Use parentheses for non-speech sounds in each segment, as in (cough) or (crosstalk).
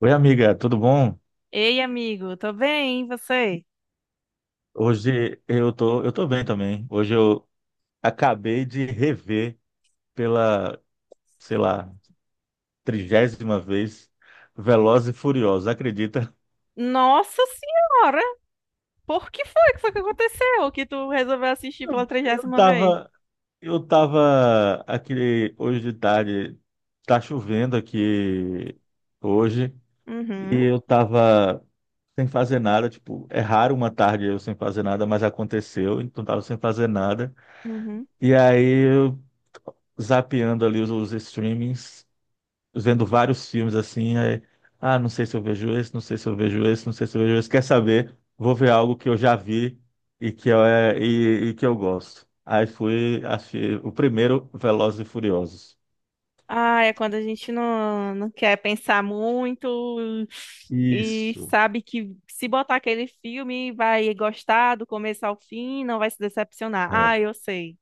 Oi, amiga, tudo bom? Ei, amigo, tô bem, e você? Hoje eu tô bem também. Hoje eu acabei de rever pela, sei lá, trigésima vez Velozes e Furiosos, acredita? Nossa senhora, por que foi que aconteceu que tu resolveu assistir Eu pela eu (laughs) trigésima vez? tava, eu tava aqui hoje de tarde, tá chovendo aqui hoje, e Uhum, eu tava sem fazer nada, tipo, é raro uma tarde eu sem fazer nada, mas aconteceu, então tava sem fazer nada. uhum. E aí eu zapeando ali os streamings, vendo vários filmes assim, aí, ah, não sei se eu vejo esse, não sei se eu vejo esse, não sei se eu vejo esse, quer saber, vou ver algo que eu já vi e que eu, e que eu gosto. Aí fui, achei o primeiro Velozes e Furiosos. Ah, é quando a gente não quer pensar muito e Isso. sabe que se botar aquele filme vai gostar do começo ao fim, não vai se decepcionar. É. Ah, eu sei.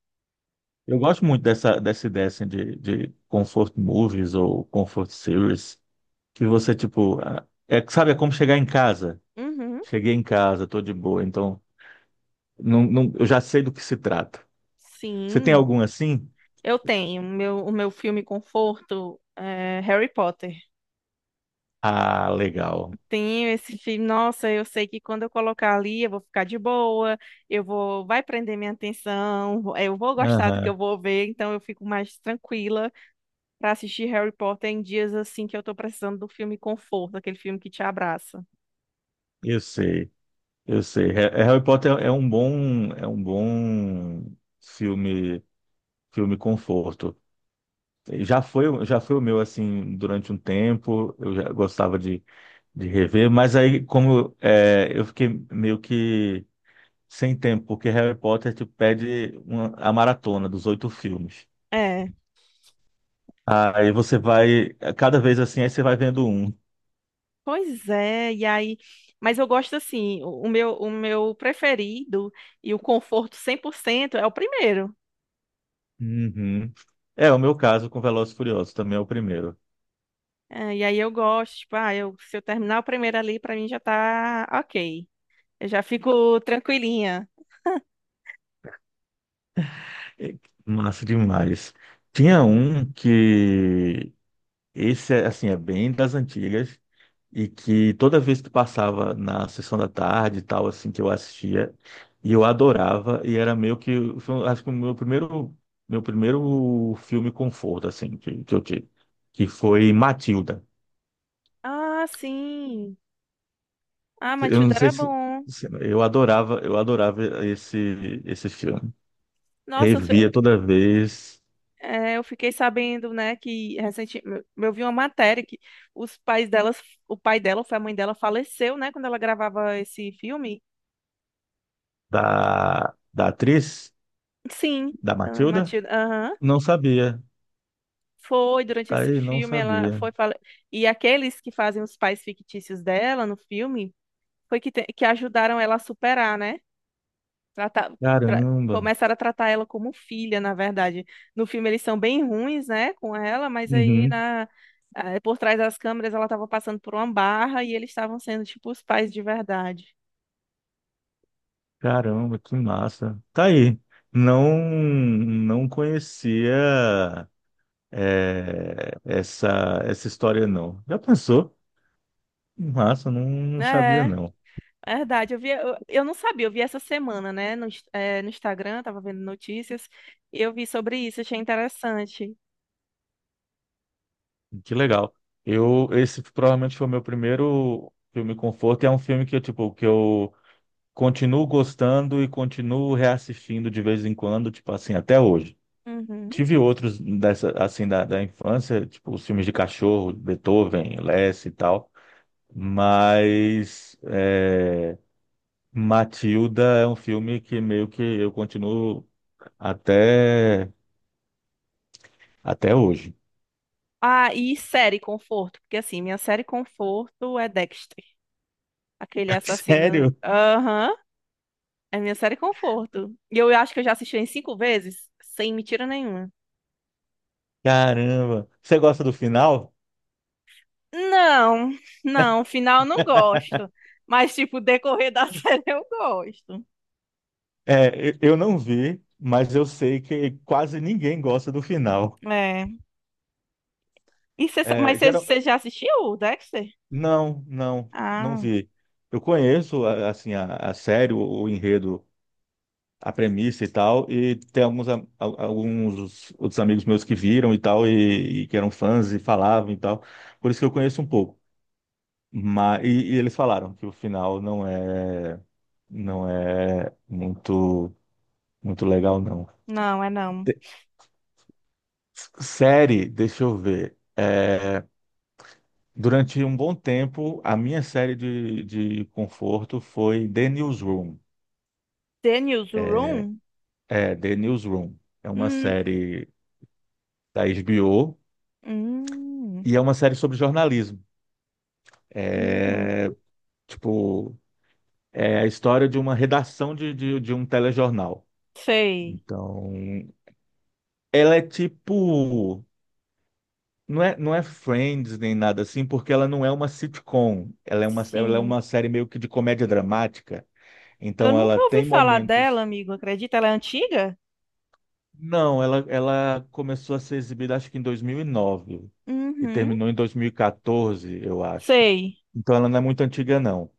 Eu gosto muito dessa ideia assim, de comfort movies ou comfort series, que você, tipo, ah, é, sabe, é como chegar em casa. Uhum, Cheguei em casa, tô de boa, então não, não, eu já sei do que se trata. Você tem sim, algum assim? eu tenho. Meu, o meu filme conforto é Harry Potter. Ah, legal. Tenho esse filme. Nossa, eu sei que quando eu colocar ali, eu vou ficar de boa, eu vou, vai prender minha atenção, eu vou gostar do que eu Aham, vou ver, então eu fico mais tranquila para assistir Harry Potter em dias assim que eu tô precisando do filme conforto, aquele filme que te abraça. eu sei, eu sei. É, Harry Potter é um bom filme, filme conforto. Já foi o meu assim durante um tempo. Eu já gostava de rever, mas aí como é, eu fiquei meio que sem tempo, porque Harry Potter te pede a maratona dos oito filmes. É, Aí você vai, cada vez assim, aí você vai vendo um. pois é, e aí, mas eu gosto assim, o meu, o meu preferido e o conforto 100% é o primeiro. Uhum. É, o meu caso com Velozes e Furiosos também é o primeiro. É, e aí eu gosto, tipo, ah, eu, se eu terminar o primeiro ali, para mim já tá ok. Eu já fico tranquilinha. É, massa demais. Tinha um que esse é assim é bem das antigas e que toda vez que passava na sessão da tarde e tal assim que eu assistia e eu adorava e era meio que foi, acho que o meu primeiro filme conforto assim que eu tive que foi Matilda. Ah, sim. Ah, Eu não Matilda sei era se bom. Eu adorava, esse filme. Nossa, Revia toda vez é, eu fiquei sabendo, né, que recentemente eu vi uma matéria que os pais delas, o pai dela, ou foi a mãe dela, faleceu, né, quando ela gravava esse filme. da, da atriz, Sim, da a Matilda? Matilda, aham. Não sabia. Foi durante Tá esse aí, não filme, ela sabia. foi fale... e aqueles que fazem os pais fictícios dela no filme foi que ajudaram ela a superar, né? Trata- Caramba. Começaram a tratar ela como filha, na verdade. No filme eles são bem ruins, né, com ela, mas Uhum. Por trás das câmeras ela estava passando por uma barra e eles estavam sendo tipo os pais de verdade. Caramba, que massa. Tá aí. Não, não conhecia é, essa história, não. Já pensou? Massa, não, não sabia, É, não. é verdade. Eu vi, eu não sabia, eu vi essa semana, né, no Instagram, tava vendo notícias, e eu vi sobre isso, achei interessante. Que legal. Eu, esse provavelmente foi o meu primeiro filme conforto. E É um filme que, tipo, que eu continuo gostando e continuo reassistindo de vez em quando, tipo assim, até hoje. Uhum. Tive outros dessa, assim, da, da infância, tipo os filmes de cachorro, Beethoven, Less e tal, mas é, Matilda é um filme que meio que eu continuo até, até hoje. Ah, e série conforto, porque assim, minha série conforto é Dexter, aquele (laughs) assassino. Sério? Aham. É minha série conforto. E eu acho que eu já assisti em cinco vezes, sem mentira nenhuma. Caramba! Você gosta do final? Não, não, final eu não gosto. Mas, tipo, o decorrer da (laughs) série eu gosto. É, eu não vi, mas eu sei que quase ninguém gosta do final. É. E É, mas geral- você já assistiu o Dexter? Não, não, não Ah, vi. Eu conheço assim a série, o enredo, a premissa e tal, e tem alguns alguns outros amigos meus que viram e tal e que eram fãs e falavam e tal. Por isso que eu conheço um pouco. Mas e eles falaram que o final não é, não é muito muito legal não. não, é não. De- Série, deixa eu ver. É, durante um bom tempo, a minha série de conforto foi The Newsroom. The Newsroom? É, The Newsroom. É uma Hum, série da HBO hum, e é uma série sobre jornalismo. uhum. É, tipo, é a história de uma redação de um telejornal. Sei. Então, ela é tipo. Não é Friends nem nada assim, porque ela não é uma sitcom. Ela é Sim. uma série meio que de comédia dramática. Eu Então, nunca ela ouvi tem falar dela, momentos. amigo. Acredita? Ela é antiga? Não, ela começou a ser exibida acho que em 2009 e Uhum. terminou em 2014, eu acho. Sei. Então ela não é muito antiga, não.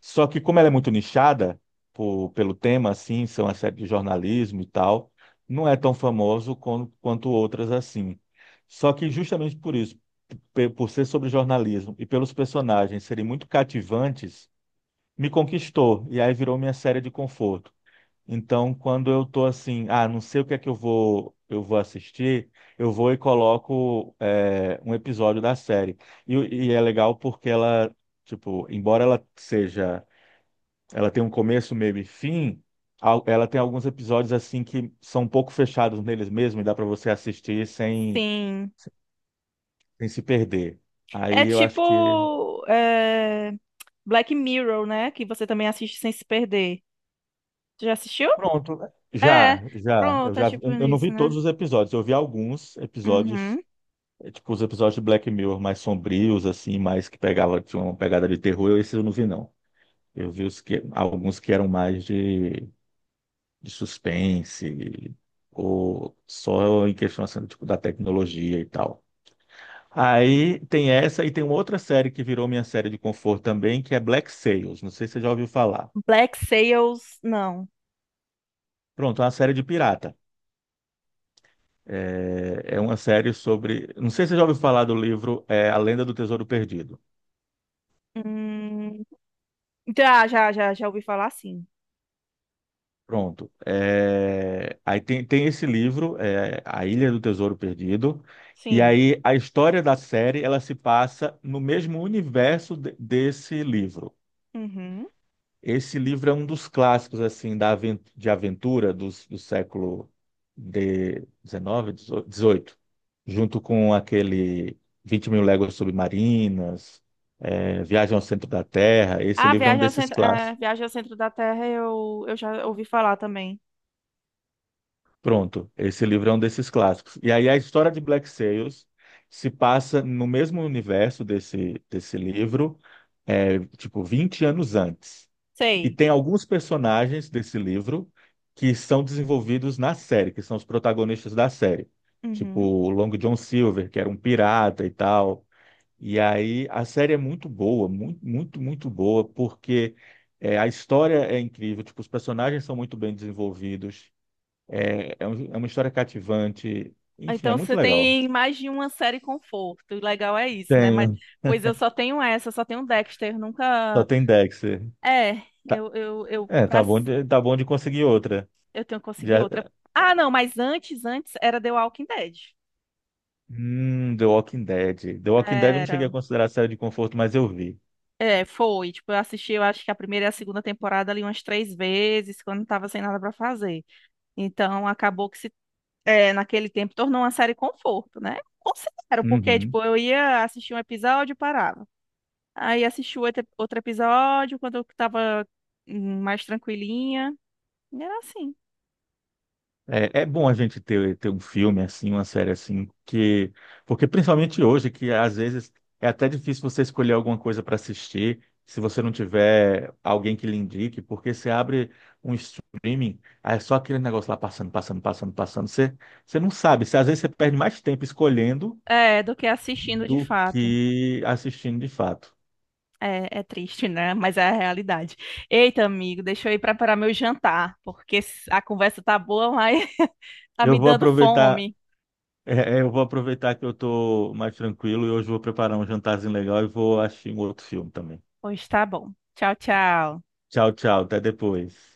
Só que como ela é muito nichada pelo tema, assim, são as séries de jornalismo e tal, não é tão famoso quanto outras assim. Só que justamente por isso, por ser sobre jornalismo e pelos personagens serem muito cativantes, me conquistou e aí virou minha série de conforto. Então, quando eu tô assim, ah, não sei o que é que eu vou assistir, eu vou e coloco é, um episódio da série. E, e é legal porque ela, tipo, embora ela seja, ela tem um começo, meio e fim, ela tem alguns episódios assim que são um pouco fechados neles mesmos e dá para você assistir sem, Sim. sem se perder. É Aí eu acho que tipo é, Black Mirror, né? Que você também assiste sem se perder. Tu já assistiu? pronto, É, já, já, eu pronto, é já, tipo eu eu não isso, vi né? todos os episódios, eu vi alguns episódios. Uhum. É, tipo, os episódios de Black Mirror mais sombrios, assim, mais que pegava, tinha uma pegada de terror, esses eu não vi, não. Eu vi os que, alguns que eram mais de suspense, ou só em questão, assim, tipo, da tecnologia e tal. Aí tem essa e tem uma outra série que virou minha série de conforto também, que é Black Sails. Não sei se você já ouviu falar. Black Sails, não. Pronto, é uma série de pirata. É, é uma série sobre. Não sei se você já ouviu falar do livro é, A Lenda do Tesouro Perdido. Hum, já, já, já, já ouvi falar sim. Pronto. É, aí tem, tem esse livro, é, A Ilha do Tesouro Perdido, e Sim. aí a história da série ela se passa no mesmo universo desse livro. Uhum. Esse livro é um dos clássicos assim da de aventura do século de 19, 18, junto com aquele 20 mil léguas submarinas, é, Viagem ao Centro da Terra. Esse Ah, livro é um Viagem ao desses Centro, é, clássicos. Viagem ao Centro da Terra eu já ouvi falar também. Pronto, esse livro é um desses clássicos. E aí a história de Black Sails se passa no mesmo universo desse, desse livro, é, tipo 20 anos antes. E Sei. tem alguns personagens desse livro que são desenvolvidos na série, que são os protagonistas da série. Tipo Uhum. o Long John Silver, que era um pirata e tal. E aí a série é muito boa, muito, muito, muito boa, porque é, a história é incrível, tipo, os personagens são muito bem desenvolvidos. Um- é uma história cativante. Enfim, é Então você muito legal. tem mais de uma série conforto. O legal é isso, né? Mas, Tenho, pois eu só tenho essa, eu só tenho Dexter, só nunca. tem Dexter. É, Tá, eu, é, pra, tá bom de conseguir outra. eu tenho que Já, conseguir outra. Ah, não, mas antes, antes era The Walking Dead. The Walking Dead. The Walking Dead eu não cheguei a Era. considerar série de conforto, mas eu vi. É, foi. Tipo, eu assisti, eu acho que a primeira e a segunda temporada ali umas três vezes, quando eu tava sem nada pra fazer. Então, acabou que se, é, naquele tempo tornou uma série conforto, né? Considero, porque, Uhum. tipo, eu ia assistir um episódio e parava. Aí assisti o outro episódio quando eu tava mais tranquilinha. E era assim. É, é bom a gente ter, ter um filme assim, uma série assim, que, porque principalmente hoje, que às vezes é até difícil você escolher alguma coisa para assistir, se você não tiver alguém que lhe indique, porque você abre um streaming, aí é só aquele negócio lá passando, passando, passando, passando, você, você não sabe, você, às vezes você perde mais tempo escolhendo É, do que assistindo de do fato. que assistindo de fato. É, é triste, né? Mas é a realidade. Eita, amigo, deixa eu ir preparar meu jantar, porque a conversa tá boa, mas (laughs) tá Eu me vou dando aproveitar, fome. é, é, eu vou aproveitar que eu tô mais tranquilo e hoje vou preparar um jantarzinho legal e vou assistir um outro filme também. Pois tá bom. Tchau, tchau. Tchau, tchau. Até depois.